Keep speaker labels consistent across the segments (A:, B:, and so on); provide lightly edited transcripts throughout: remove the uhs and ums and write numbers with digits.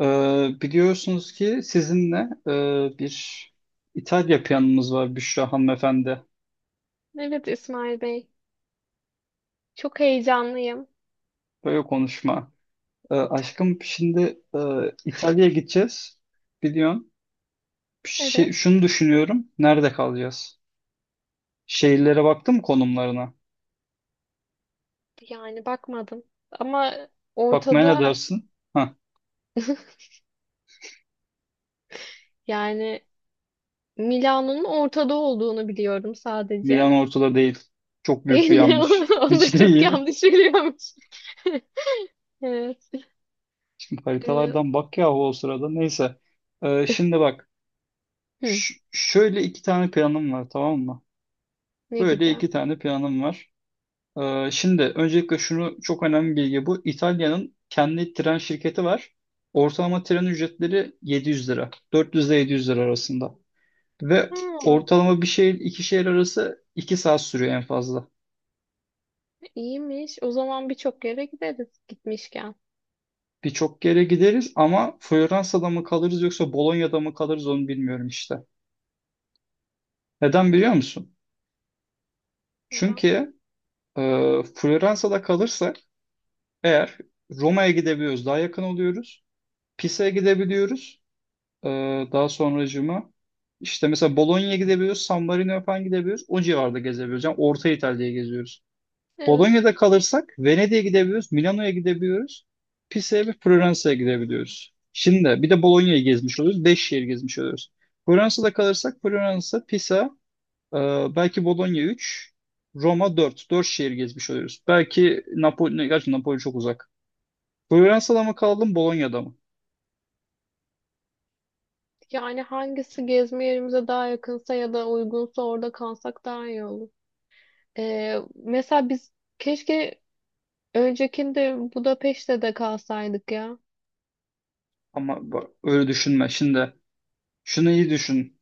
A: Biliyorsunuz ki sizinle bir İtalya planımız var Büşra hanımefendi.
B: Evet İsmail Bey. Çok heyecanlıyım.
A: Böyle konuşma. Aşkım şimdi İtalya'ya gideceğiz. Biliyorsun. Şey,
B: Evet.
A: şunu düşünüyorum. Nerede kalacağız? Şehirlere baktın mı konumlarına?
B: Yani bakmadım. Ama
A: Bakmaya ne
B: ortada
A: dersin? Hah,
B: yani Milano'nun ortada olduğunu biliyorum sadece.
A: Milan ortada değil. Çok büyük
B: Değil
A: bir
B: mi?
A: yanlış.
B: Onu da
A: Hiç
B: çok
A: değil.
B: yanlış biliyormuş. Evet. Ee,
A: Haritalardan bak yahu o sırada. Neyse. Şimdi bak.
B: hı,
A: Şöyle iki tane planım var, tamam mı?
B: Ne gibi?
A: Böyle iki tane planım var. Şimdi öncelikle şunu, çok önemli bir bilgi bu. İtalya'nın kendi tren şirketi var. Ortalama tren ücretleri 700 lira. 400 ile 700 lira arasında. Ve
B: Ha,
A: ortalama bir şehir iki şehir arası 2 saat sürüyor en fazla.
B: iyiymiş. O zaman birçok yere gideriz gitmişken.
A: Birçok yere gideriz ama Floransa'da mı kalırız yoksa Bolonya'da mı kalırız onu bilmiyorum işte. Neden biliyor musun?
B: Neden?
A: Çünkü Floransa'da kalırsak eğer Roma'ya gidebiliyoruz, daha yakın oluyoruz. Pisa'ya gidebiliyoruz. Daha sonracığıma işte mesela Bologna'ya gidebiliyoruz, San Marino'ya falan gidebiliyoruz. O civarda gezebiliyoruz. Yani Orta İtalya'ya geziyoruz.
B: Evet.
A: Bologna'da kalırsak Venedik'e gidebiliyoruz, Milano'ya gidebiliyoruz. Pisa'ya ve Floransa'ya gidebiliyoruz. Şimdi bir de Bologna'yı gezmiş oluyoruz. Beş şehir gezmiş oluyoruz. Floransa'da kalırsak Floransa, Pisa, e, belki Bologna 3, Roma 4, 4 şehir gezmiş oluyoruz. Belki Napoli, gerçi Napoli çok uzak. Floransa'da mı kalalım, Bologna'da mı?
B: Yani hangisi gezme yerimize daha yakınsa ya da uygunsa orada kalsak daha iyi olur. Mesela biz keşke öncekinde Budapeşte de kalsaydık ya.
A: Ama bak, öyle düşünme. Şimdi şunu iyi düşün.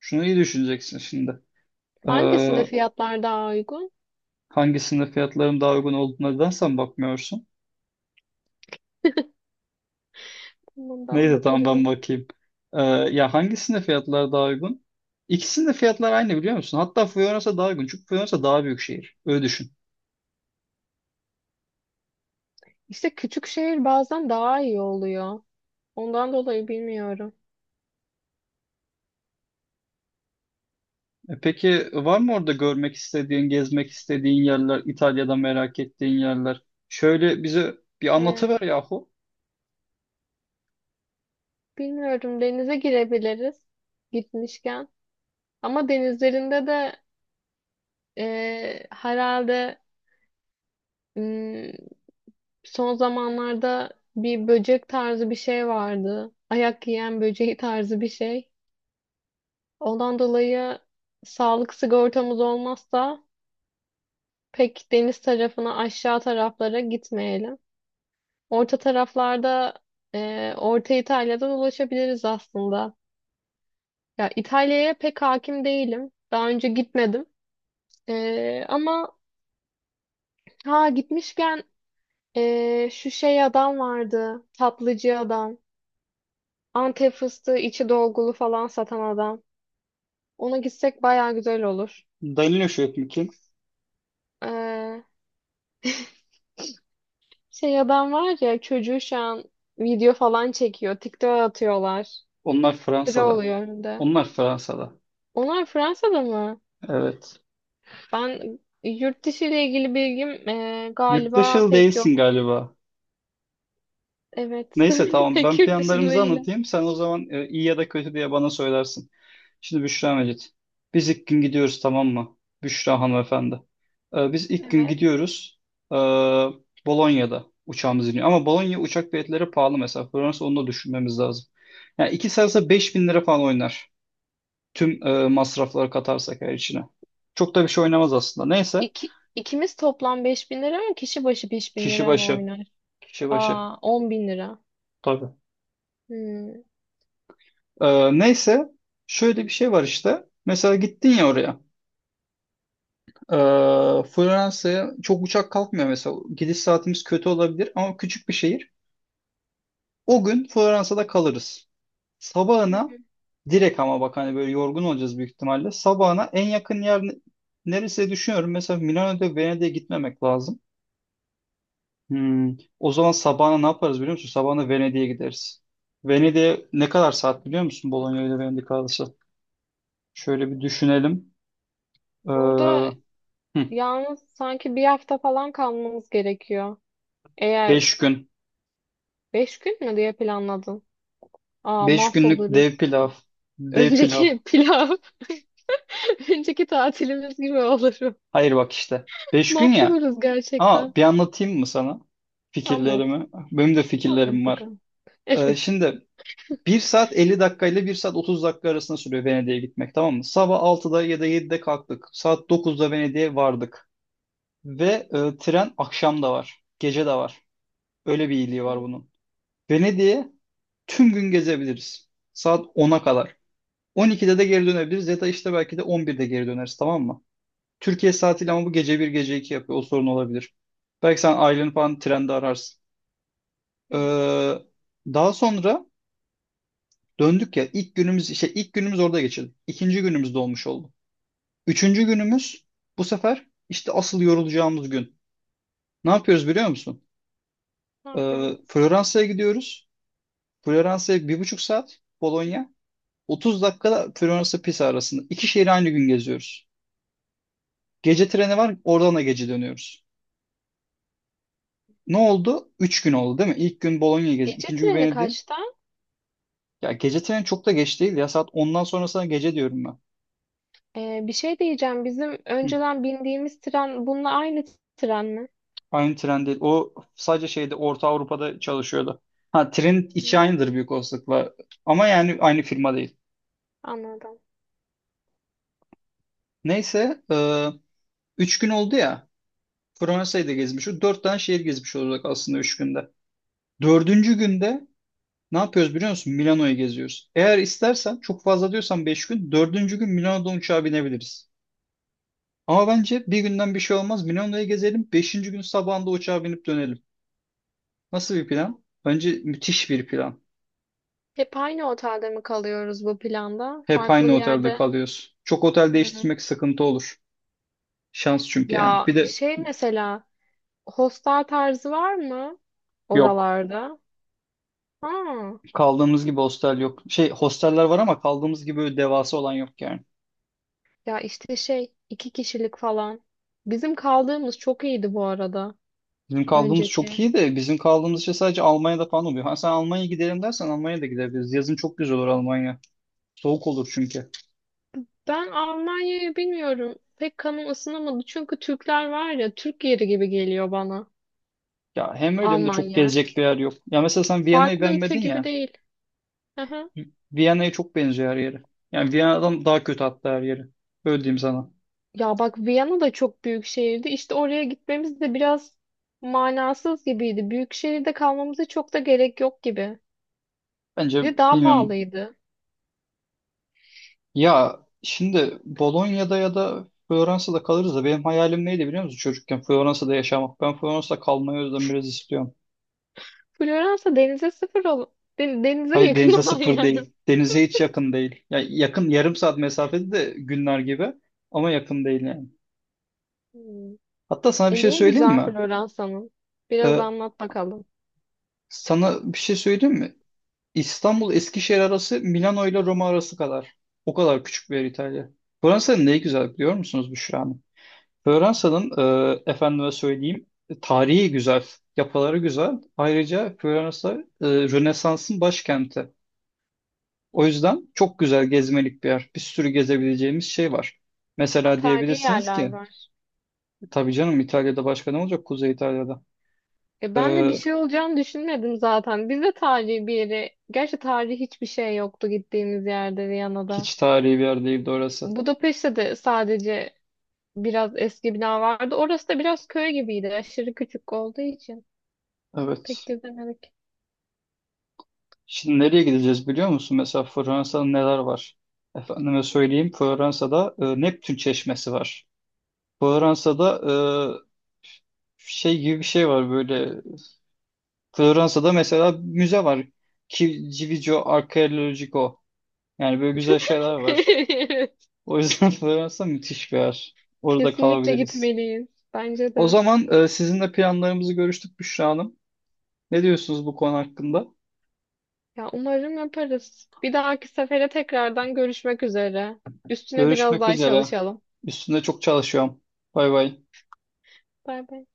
A: Şunu iyi düşüneceksin şimdi. Ee,
B: Hangisinde fiyatlar daha uygun?
A: hangisinde fiyatların daha uygun olduğuna neden sen bakmıyorsun?
B: Bundan
A: Neyse, tamam, ben
B: bakabilirim.
A: bakayım. Ya hangisinde fiyatlar daha uygun? İkisinde fiyatlar aynı, biliyor musun? Hatta Floransa daha uygun. Çünkü Floransa daha büyük şehir. Öyle düşün.
B: İşte küçük şehir bazen daha iyi oluyor. Ondan dolayı bilmiyorum.
A: E peki, var mı orada görmek istediğin, gezmek istediğin yerler, İtalya'da merak ettiğin yerler? Şöyle bize bir anlatıver
B: Ee,
A: yahu.
B: Bilmiyorum, denize girebiliriz gitmişken. Ama denizlerinde de herhalde mm, son zamanlarda bir böcek tarzı bir şey vardı. Ayak yiyen böceği tarzı bir şey. Ondan dolayı sağlık sigortamız olmazsa pek deniz tarafına aşağı taraflara gitmeyelim. Orta taraflarda Orta İtalya'dan ulaşabiliriz aslında. Ya İtalya'ya pek hakim değilim. Daha önce gitmedim. Ama ha gitmişken şu şey adam vardı. Tatlıcı adam. Antep fıstığı içi dolgulu falan satan adam. Ona gitsek baya güzel olur.
A: Danilo Şöhret kim?
B: E, Şey adam var ya, çocuğu şu an video falan çekiyor. TikTok'a atıyorlar.
A: Onlar
B: Sıra
A: Fransa'da.
B: oluyor önünde.
A: Onlar Fransa'da.
B: Onlar Fransa'da mı?
A: Evet.
B: Ben yurt dışı ile ilgili bilgim galiba
A: Yurttaşıl
B: pek
A: değilsin
B: yok.
A: galiba.
B: Evet.
A: Neyse, tamam,
B: Pek
A: ben
B: yurt dışı
A: planlarımızı
B: değil.
A: anlatayım. Sen o zaman iyi ya da kötü diye bana söylersin. Şimdi Büşra Mecit. Biz ilk gün gidiyoruz, tamam mı? Büşra hanımefendi. E, biz ilk gün
B: Evet.
A: gidiyoruz. E, Bolonya'da uçağımız iniyor. Ama Bolonya uçak biletleri pahalı mesela. Fransa, onu da düşünmemiz lazım. Yani iki sarsa 5000 lira falan oynar. Tüm masrafları katarsak her içine. Çok da bir şey oynamaz aslında. Neyse.
B: İki, ikimiz toplam 5.000 lira mı? Kişi başı 5000
A: Kişi
B: lira mı
A: başı.
B: oynar?
A: Kişi başı.
B: Aa, 10.000 lira.
A: Tabii.
B: Hmm.
A: Neyse şöyle bir şey var işte. Mesela gittin ya oraya. Ee, Floransa'ya çok uçak kalkmıyor mesela. Gidiş saatimiz kötü olabilir ama küçük bir şehir. O gün Floransa'da kalırız.
B: Hı
A: Sabahına
B: hı.
A: direkt ama bak hani böyle yorgun olacağız büyük ihtimalle. Sabahına en yakın yer neresi diye düşünüyorum. Mesela Milano'da Venedik'e gitmemek lazım. Hmm, o zaman sabahına ne yaparız biliyor musun? Sabahına Venedik'e gideriz. Venedik'e ne kadar saat biliyor musun? Bologna ile Venedik arası. Şöyle bir düşünelim. Ee,
B: Burada
A: Hı,
B: yalnız sanki bir hafta falan kalmamız gerekiyor. Eğer
A: beş gün.
B: 5 gün mü diye planladın? Aa,
A: Beş günlük dev
B: mahvoluruz.
A: pilav. Dev pilav.
B: Önceki pilav, önceki tatilimiz gibi olur.
A: Hayır, bak işte. Beş gün ya.
B: Mahvoluruz gerçekten.
A: Ama bir anlatayım mı sana
B: Anlat.
A: fikirlerimi? Benim de
B: Anlat
A: fikirlerim var.
B: bakalım.
A: Şimdi bir saat 50 dakika ile bir saat 30 dakika arasında sürüyor Venedik'e gitmek, tamam mı? Sabah altıda ya da yedide kalktık. Saat dokuzda Venedik'e vardık. Ve tren akşam da var. Gece de var. Öyle bir iyiliği var
B: Evet. Hı
A: bunun. Venedik'e tüm gün gezebiliriz. Saat ona kadar. 12'de de geri dönebiliriz ya da işte belki de 11'de geri döneriz, tamam mı? Türkiye saatiyle ama bu gece bir gece iki yapıyor. O sorun olabilir. Belki sen aileni falan trende ararsın.
B: hı.
A: Ee, daha sonra döndük ya, ilk günümüz, işte ilk günümüz orada geçirdik. İkinci günümüz dolmuş oldu. Üçüncü günümüz bu sefer işte asıl yorulacağımız gün. Ne yapıyoruz biliyor musun?
B: Ne yapıyorum?
A: Floransa'ya gidiyoruz. Floransa'ya bir buçuk saat Bologna. 30 dakikada Floransa Pisa arasında. İki şehri aynı gün geziyoruz. Gece treni var, oradan da gece dönüyoruz. Ne oldu? Üç gün oldu değil mi? İlk gün Bologna gezdik.
B: Gece
A: İkinci gün
B: treni
A: Venedik.
B: kaçta?
A: Ya gece treni çok da geç değil ya. Saat ondan sonrasına gece diyorum ben.
B: Bir şey diyeceğim. Bizim
A: Hı.
B: önceden bindiğimiz tren bununla aynı tren mi?
A: Aynı tren değil. O sadece şeyde Orta Avrupa'da çalışıyordu. Ha, trenin içi
B: Hı.
A: aynıdır büyük olasılıkla. Ama yani aynı firma değil.
B: Anladım.
A: Neyse, 3 gün oldu ya. Fransa'yı da gezmiş, o 4 tane şehir gezmiş olacak aslında 3 günde. Dördüncü günde ne yapıyoruz biliyor musun? Milano'yu geziyoruz. Eğer istersen çok fazla diyorsan 5 gün. Dördüncü gün Milano'dan uçağa binebiliriz. Ama bence bir günden bir şey olmaz. Milano'yu gezelim. Beşinci gün sabahında uçağa binip dönelim. Nasıl bir plan? Önce müthiş bir plan.
B: Hep aynı otelde mi kalıyoruz bu planda?
A: Hep
B: Farklı
A: aynı
B: bir
A: otelde
B: yerde.
A: kalıyoruz. Çok otel
B: Hı.
A: değiştirmek sıkıntı olur. Şans çünkü yani.
B: Ya
A: Bir de
B: şey, mesela hostel tarzı var mı
A: yok.
B: oralarda? Ha.
A: Kaldığımız gibi hostel yok. Şey hosteller var ama kaldığımız gibi böyle devasa olan yok yani.
B: Ya işte şey, iki kişilik falan. Bizim kaldığımız çok iyiydi bu arada,
A: Bizim kaldığımız çok
B: önceki.
A: iyi de bizim kaldığımız şey sadece Almanya'da falan oluyor. Ha, sen Almanya'ya gidelim dersen Almanya'ya da gidebiliriz. Yazın çok güzel olur Almanya. Soğuk olur çünkü.
B: Ben Almanya'yı bilmiyorum. Pek kanım ısınamadı. Çünkü Türkler var ya, Türk yeri gibi geliyor bana
A: Ya hem öyle hem de çok
B: Almanya.
A: gezecek bir yer yok. Ya mesela sen Viyana'yı
B: Farklı ülke
A: beğenmedin
B: gibi
A: ya.
B: değil. Aha.
A: Viyana'ya çok benziyor her yeri. Yani Viyana'dan daha kötü hatta her yeri. Öyle diyeyim sana.
B: Ya bak, Viyana da çok büyük şehirdi. İşte oraya gitmemiz de biraz manasız gibiydi. Büyük şehirde kalmamıza çok da gerek yok gibi.
A: Bence
B: Bir de daha
A: bilmiyorum.
B: pahalıydı.
A: Ya şimdi Bolonya'da ya da Floransa'da kalırız da benim hayalim neydi biliyor musun çocukken? Floransa'da yaşamak. Ben Floransa'da kalmayı o yüzden biraz istiyorum.
B: Floransa denize sıfır denize
A: Hayır,
B: yakın
A: denize
B: olan
A: sıfır
B: yer.
A: değil. Denize hiç yakın değil. Ya yakın, yarım saat mesafede de günler gibi ama yakın değil yani.
B: Hmm.
A: Hatta sana bir
B: E,
A: şey
B: niye
A: söyleyeyim
B: güzel
A: mi?
B: Floransa'nın? Biraz
A: Ee,
B: anlat bakalım.
A: sana bir şey söyleyeyim mi? İstanbul Eskişehir arası Milano ile Roma arası kadar. O kadar küçük bir yer İtalya. Floransa'nın neyi güzel biliyor musunuz Büşra? Floransa'nın efendime söyleyeyim, tarihi güzel, yapıları güzel. Ayrıca Floransa Rönesans'ın başkenti. O yüzden çok güzel gezmelik bir yer. Bir sürü gezebileceğimiz şey var.
B: Ha,
A: Mesela
B: tarihi
A: diyebilirsiniz
B: yerler
A: ki,
B: var.
A: tabii canım İtalya'da başka ne olacak, Kuzey İtalya'da?
B: E,
A: E,
B: ben de bir şey olacağını düşünmedim zaten. Biz de tarihi bir yere. Gerçi tarihi hiçbir şey yoktu gittiğimiz yerde, Viyana'da.
A: hiç tarihi bir yer değildi orası.
B: Budapeşte de sadece biraz eski bina vardı. Orası da biraz köy gibiydi. Aşırı küçük olduğu için. Pek
A: Evet.
B: gezemedik.
A: Şimdi nereye gideceğiz biliyor musun? Mesela Floransa'da neler var? Efendime söyleyeyim, Floransa'da Neptün Çeşmesi var. Fransa'da e, şey gibi bir şey var böyle. Fransa'da mesela müze var. Civigio Archeologico. Yani böyle güzel şeyler var.
B: Evet,
A: O yüzden Fransa müthiş bir yer. Orada
B: kesinlikle
A: kalabiliriz.
B: gitmeliyiz. Bence
A: O
B: de.
A: zaman sizinle planlarımızı görüştük Büşra Hanım. Ne diyorsunuz bu konu hakkında?
B: Ya umarım yaparız. Bir dahaki sefere tekrardan görüşmek üzere. Üstüne biraz
A: Görüşmek
B: daha
A: üzere.
B: çalışalım.
A: Üstünde çok çalışıyorum. Bay bay.
B: Bay bay.